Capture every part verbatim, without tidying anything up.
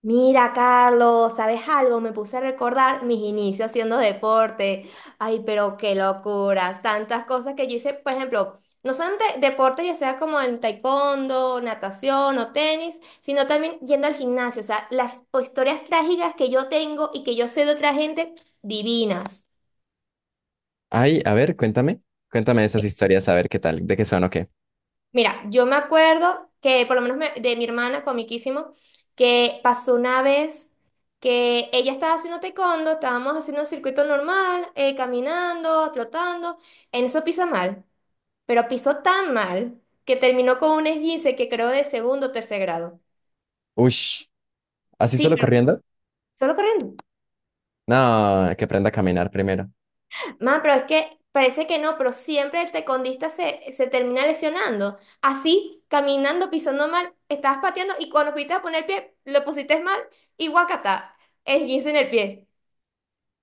Mira, Carlos, ¿sabes algo? Me puse a recordar mis inicios haciendo deporte. Ay, pero qué locura. Tantas cosas que yo hice, por ejemplo, no solamente deporte, ya sea como en taekwondo, natación o tenis, sino también yendo al gimnasio. O sea, las historias trágicas que yo tengo y que yo sé de otra gente, divinas. Ay, a ver, cuéntame, cuéntame esas historias, a ver qué tal, de qué son o qué. Mira, yo me acuerdo que, por lo menos me- de mi hermana, comiquísimo, que pasó una vez que ella estaba haciendo taekwondo, estábamos haciendo un circuito normal, eh, caminando, trotando, en eso pisa mal, pero pisó tan mal que terminó con un esguince que creo de segundo o tercer grado. Ush, ¿así Sí, solo pero corriendo? solo corriendo. No, que aprenda a caminar primero. Ma, pero es que parece que no, pero siempre el tecondista se, se termina lesionando. Así, caminando, pisando mal, estabas pateando y cuando fuiste a poner el pie, lo pusiste mal y guacata, esguince en el pie.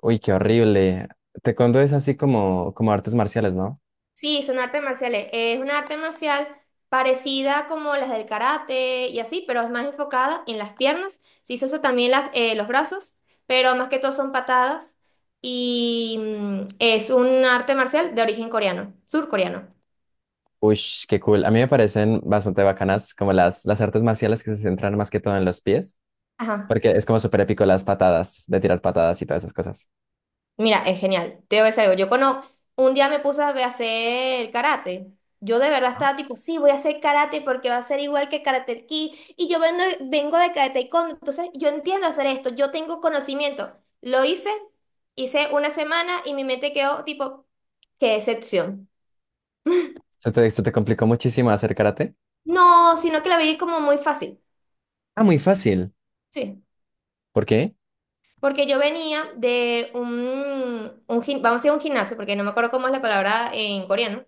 Uy, qué horrible. Taekwondo es así como, como artes marciales, ¿no? Sí, son artes marciales. Es una arte marcial parecida como las del karate y así, pero es más enfocada en las piernas. Sí, se usa también las, eh, los brazos, pero más que todo son patadas y mm, es un arte marcial de origen coreano, surcoreano. Ush, qué cool. A mí me parecen bastante bacanas como las, las artes marciales que se centran más que todo en los pies, Ajá. porque es como súper épico las patadas, de tirar patadas y todas esas cosas. Mira, es genial. Te voy a decir algo. Yo conozco, un día me puse a ve- a hacer karate. Yo de verdad estaba tipo, sí, voy a hacer karate porque va a ser igual que Karate Kid. Y yo vengo, vengo de Karate Taekwondo, entonces yo entiendo hacer esto, yo tengo conocimiento. Lo hice, hice una semana y mi mente quedó tipo, qué decepción. ¿Se te, se te complicó muchísimo hacer karate? No, sino que la vi como muy fácil. Ah, muy fácil. Sí, ¿Por qué? porque yo venía de un, un gim- vamos a decir un gimnasio, porque no me acuerdo cómo es la palabra en coreano,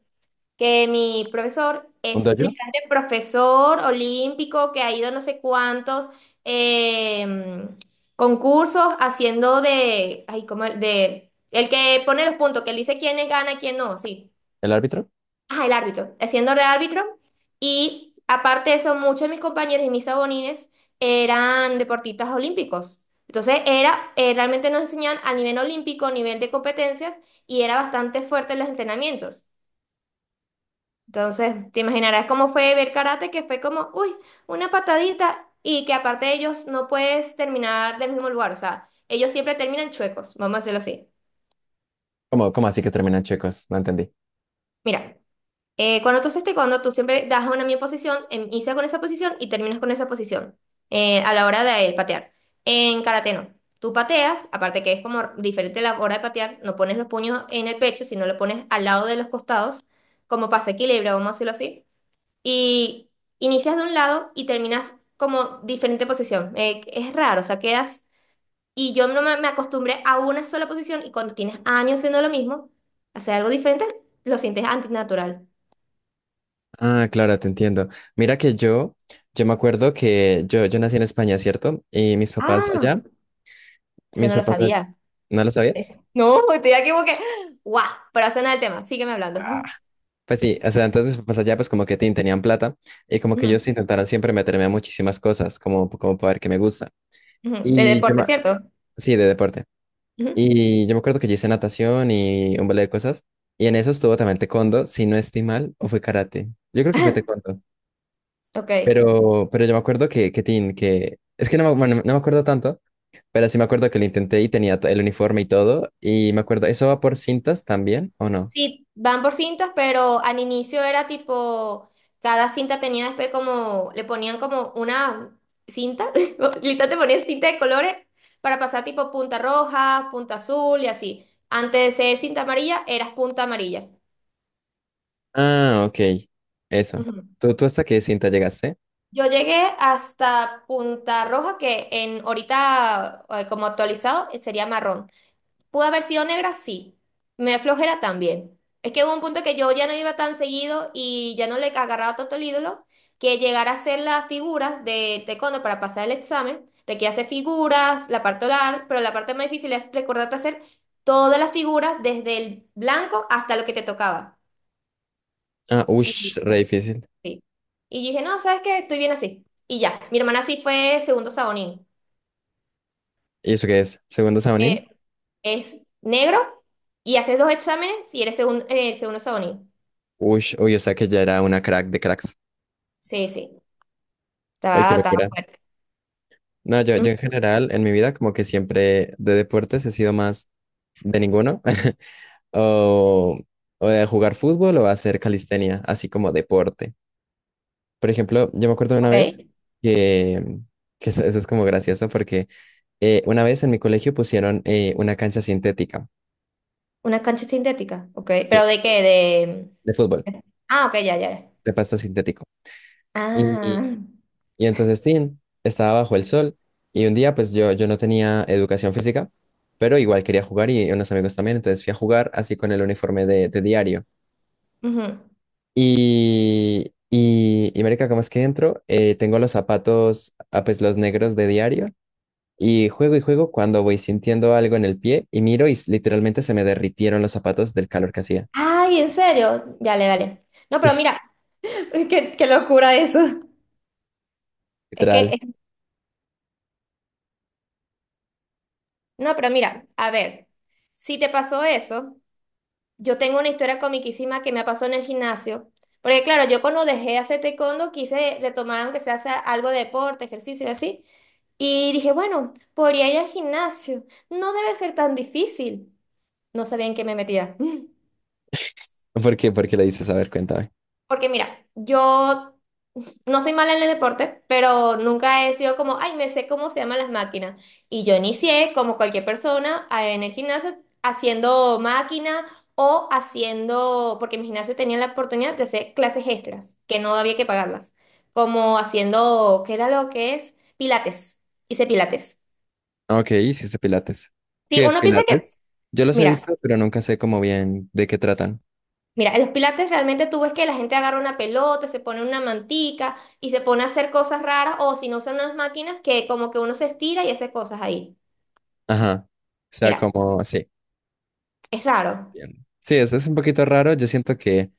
que mi profesor ¿Un es dojo? literalmente profesor olímpico que ha ido no sé cuántos eh, concursos haciendo de, ay, ¿cómo era? De, el que pone los puntos, que él dice quién gana, quién no, sí. ¿El árbitro? Ah, el árbitro, haciendo de árbitro. Y aparte de eso, muchos de mis compañeros y mis abonines eran deportistas olímpicos. Entonces era, eh, realmente nos enseñaban a nivel olímpico, nivel de competencias, y era bastante fuerte en los entrenamientos. Entonces, te imaginarás cómo fue ver karate, que fue como, uy, una patadita y que aparte de ellos no puedes terminar del mismo lugar, o sea, ellos siempre terminan chuecos, vamos a hacerlo así. ¿Cómo, cómo así que terminan chicos? No entendí. Mira, eh, cuando tú haces taekwondo, tú siempre das una misma posición, em- inicias con esa posición y terminas con esa posición eh, a la hora de patear. En karate no. Tú pateas, aparte que es como diferente la hora de patear, no pones los puños en el pecho, sino lo pones al lado de los costados, como pasa equilibrio, vamos a decirlo así, y inicias de un lado y terminas como diferente posición. Eh, es raro, o sea, quedas... Y yo no me, me acostumbré a una sola posición y cuando tienes años haciendo lo mismo, hacer algo diferente, lo sientes antinatural. Ah, claro, te entiendo. Mira que yo, yo me acuerdo que yo, yo nací en España, ¿cierto? Y mis papás Ah, allá, eso mis no lo papás allá, sabía. ¿no lo sabías? Eh, No, estoy aquí como que... ¡Guau! Pero eso no es el tema, sígueme hablando. Ah, Ujú, pues sí, o sea, entonces mis papás allá pues como que tin, tenían plata y como que ellos intentaron siempre meterme a muchísimas cosas, como, como para ver qué me gusta. ujú. ¿De Y yo deporte, me... cierto? Sí, de deporte. Ujú. Y yo me acuerdo que yo hice natación y un balde de cosas. Y en eso estuvo también taekwondo, si no estoy mal, o fue karate. Yo creo que fue taekwondo. Ok. Pero, pero yo me acuerdo que, que tin, que... Es que no me, bueno, no me acuerdo tanto, pero sí me acuerdo que lo intenté y tenía to- el uniforme y todo. Y me acuerdo, ¿eso va por cintas también o no? Sí, van por cintas, pero al inicio era tipo, cada cinta tenía después como, le ponían como una cinta, literal te ponían cinta de colores para pasar tipo punta roja, punta azul y así. Antes de ser cinta amarilla, eras punta amarilla. Ah, ok. Eso. Ujú. ¿Tú, tú hasta qué cinta llegaste? Yo llegué hasta punta roja, que en ahorita eh, como actualizado eh, sería marrón. ¿Pudo haber sido negra? Sí. Me da flojera también. Es que hubo un punto que yo ya no iba tan seguido y ya no le agarraba tanto el ídolo que llegar a hacer las figuras de taekwondo para pasar el examen. Requiere hacer figuras, la parte oral, pero la parte más difícil es recordarte hacer todas las figuras desde el blanco hasta lo que te tocaba. Ah, ush, Y, re difícil. sí. Y dije, no, ¿sabes qué? Estoy bien así. Y ya, mi hermana sí fue segundo sabonín. ¿Y eso qué es? ¿Segundo Saonin? Eh, es negro y haces dos exámenes y eres segun- eh, segundo sabonín. Ush, uy, o sea que ya era una crack de cracks. Sí, sí, Uy, qué está, está locura. fuerte. No, yo, Mm, yo en general, en mi vida, como que siempre de deportes he sido más de ninguno. O, o de jugar fútbol o hacer calistenia, así como deporte. Por ejemplo, yo me acuerdo de una ok, vez que, que eso, eso es como gracioso porque eh, una vez en mi colegio pusieron eh, una cancha sintética, una cancha sintética, ok, sí, pero ¿de qué? de fútbol, De... Ah, ok, ya, ya, ya. de pasto sintético. Y, y- Ah, y entonces, Tim estaba bajo el sol y un día pues yo, yo no tenía educación física, pero igual quería jugar y unos amigos también, entonces fui a jugar así con el uniforme de, de diario. ujú. Y, y, y marica, ¿cómo es que entro? Eh, tengo los zapatos, ah, pues los negros de diario. Y juego y juego cuando voy sintiendo algo en el pie y miro y s- literalmente se me derritieron los zapatos del calor que hacía. Ay, ¿en serio? Dale, dale. No, Sí, pero mira, qué, qué locura eso. Es que, literal. es- no, pero mira, a ver, si te pasó eso, yo tengo una historia comiquísima que me pasó en el gimnasio, porque claro, yo cuando dejé de hacer taekwondo quise retomar aunque sea hacer algo de deporte, ejercicio y así. Y dije, bueno, podría ir al gimnasio. No debe ser tan difícil. No sabía en qué me metía. ¿Por qué? ¿Por qué le dices? A ver, cuéntame. Porque mira, yo no soy mala en el deporte, pero nunca he sido como, ay, me sé cómo se llaman las máquinas. Y yo inicié, como cualquier persona, a- en el gimnasio haciendo máquina o haciendo, porque mi gimnasio tenía la oportunidad de hacer clases extras, que no había que pagarlas. Como haciendo, ¿qué era lo que es? Pilates. Hice pilates. Ok, hiciste pilates. Sí, ¿Qué es uno piensa que, pilates? Yo los he mira. visto, pero nunca sé cómo bien de qué tratan. Mira, en los pilates realmente tú ves que la gente agarra una pelota, se pone una mantica y se pone a hacer cosas raras o si no son unas máquinas que como que uno se estira y hace cosas ahí. Ajá. O sea, Mira, como, sí. es raro. Bien. Sí, eso es un poquito raro. Yo siento que,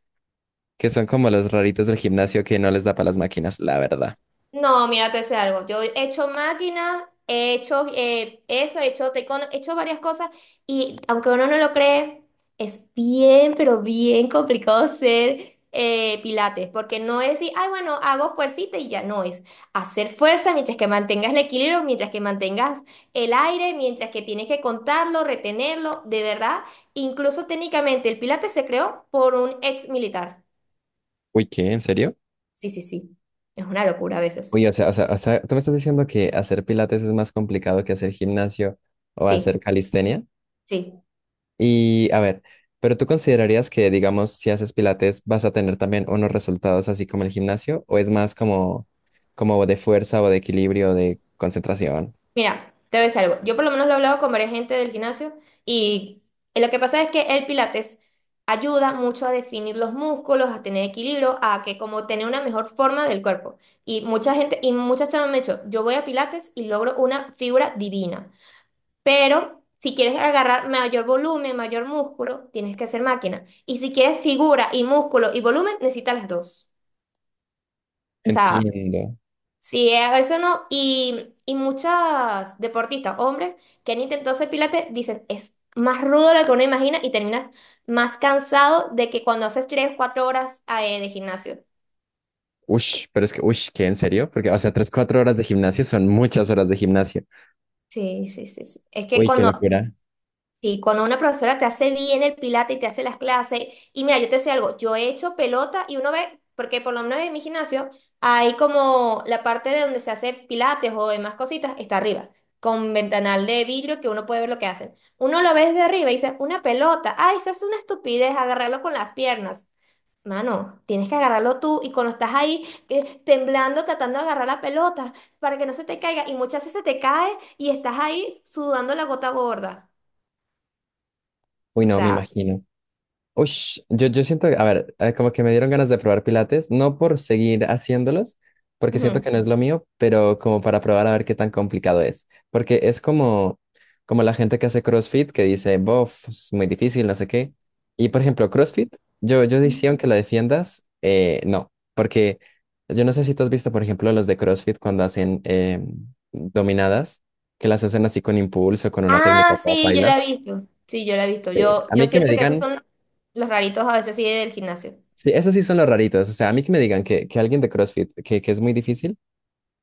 que son como los raritos del gimnasio que no les da para las máquinas, la verdad. No, mira, te sé algo. Yo he hecho máquinas, he hecho eh, eso, he hecho taekwondo, he hecho varias cosas y aunque uno no lo cree, es bien, pero bien complicado ser eh, pilates, porque no es decir, ay, bueno, hago fuercita y ya no es hacer fuerza mientras que mantengas el equilibrio, mientras que mantengas el aire, mientras que tienes que contarlo, retenerlo, de verdad. Incluso técnicamente el pilates se creó por un ex militar. Uy, ¿qué? ¿En serio? Sí, sí, sí. Es una locura a veces. Oye, o sea, o sea, o sea, tú me estás diciendo que hacer pilates es más complicado que hacer gimnasio o Sí, hacer calistenia. sí. Y a ver, pero tú considerarías que, digamos, si haces pilates vas a tener también unos resultados así como el gimnasio, o es más como, como de fuerza o de equilibrio, de concentración. Mira, te voy a decir algo. Yo por lo menos lo he hablado con varias gente del gimnasio y lo que pasa es que el pilates ayuda mucho a definir los músculos, a tener equilibrio, a que como tener una mejor forma del cuerpo. Y mucha gente, y muchas chavas me han dicho, yo voy a pilates y logro una figura divina. Pero si quieres agarrar mayor volumen, mayor músculo, tienes que hacer máquina. Y si quieres figura y músculo y volumen, necesitas las dos. O sea, Entiendo. sí, eh, a veces no. Y, y muchas deportistas, hombres, que han intentado hacer pilates, dicen, es más rudo de lo que uno imagina y terminas más cansado de que cuando haces tres, o cuatro horas eh, de gimnasio. Ush, pero es que, ush, ¿qué? ¿En serio? Porque, o sea, tres, cuatro horas de gimnasio son muchas horas de gimnasio. Sí, sí, sí, sí. Es que Uy, qué cuando locura. sí, cuando una profesora te hace bien el pilate y te hace las clases, y mira, yo te sé algo, yo he hecho pelota y uno ve, porque por lo menos en mi gimnasio hay como la parte de donde se hace pilates o demás cositas, está arriba, con ventanal de vidrio que uno puede ver lo que hacen. Uno lo ve desde arriba y dice, una pelota, ay, eso es una estupidez, agarrarlo con las piernas. Mano, tienes que agarrarlo tú y cuando estás ahí eh, temblando, tratando de agarrar la pelota para que no se te caiga, y muchas veces se te cae y estás ahí sudando la gota gorda. Uy, O no, me sea... imagino. Uy, yo, yo siento, que- a ver, eh, como que me dieron ganas de probar pilates, no por seguir haciéndolos, porque siento Ujú. que no es lo mío, pero como para probar a ver qué tan complicado es. Porque es como, como la gente que hace CrossFit que dice, bof, es muy difícil, no sé qué. Y por ejemplo, CrossFit, yo, yo decía, aunque lo defiendas, eh, no, porque yo no sé si tú has visto, por ejemplo, los de CrossFit cuando hacen eh, dominadas, que las hacen así con impulso, con una técnica Ah, toda sí, yo paila. la he visto. Sí, yo la he visto. Eh, Yo, a yo mí que me siento que esos digan. son los raritos a veces sí del gimnasio. Sí, esos sí son los raritos. O sea, a mí que me digan que, que alguien de CrossFit, que, que es muy difícil,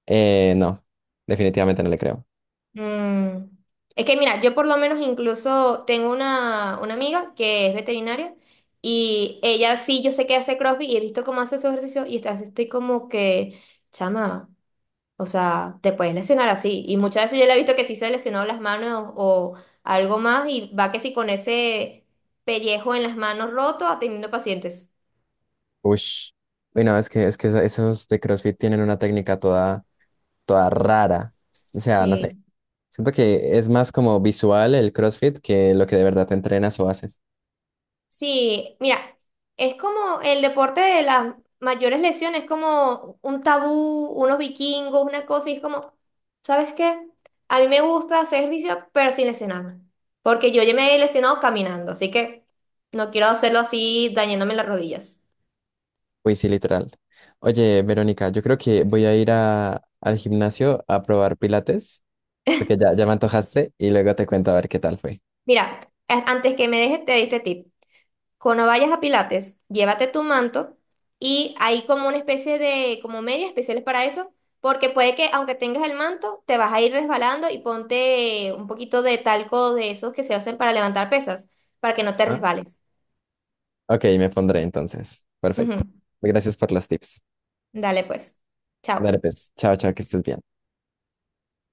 eh, no, definitivamente no le creo. Mm. Es que mira, yo por lo menos incluso tengo una, una amiga que es veterinaria y ella sí, yo sé que hace CrossFit y he visto cómo hace su ejercicio y esta vez estoy como que, chama, o sea, te puedes lesionar así. Y muchas veces yo le he visto que sí se lesionó las manos o algo más y va que sí con ese pellejo en las manos roto atendiendo pacientes. Ush. Y no, es que, es que eso- esos de CrossFit tienen una técnica toda, toda rara. O sea, no sé. Siento que es más como visual el CrossFit que lo que de verdad te entrenas o haces. Sí, mira, es como el deporte de las mayores lesiones, es como un tabú, unos vikingos, una cosa, y es como, ¿sabes qué? A mí me gusta hacer ejercicio, pero sin lesionarme, porque yo ya me he lesionado caminando, así que no quiero hacerlo así dañándome las rodillas. Uy, sí, literal. Oye, Verónica, yo creo que voy a ir a- al gimnasio a probar pilates, porque ya, ya me antojaste y luego te cuento a ver qué tal fue. Mira, a- antes que me dejes, te di este tip. Cuando vayas a Pilates, llévate tu manto y hay como una especie de, como medias especiales para eso, porque puede que aunque tengas el manto, te vas a ir resbalando y ponte un poquito de talco de esos que se hacen para levantar pesas, para que no te ¿Ah? resbales. Ok, me pondré entonces. Ujú. Perfecto. Gracias por los tips. Dale pues. Dale, Chao. pues. Chao, chao, que estés bien.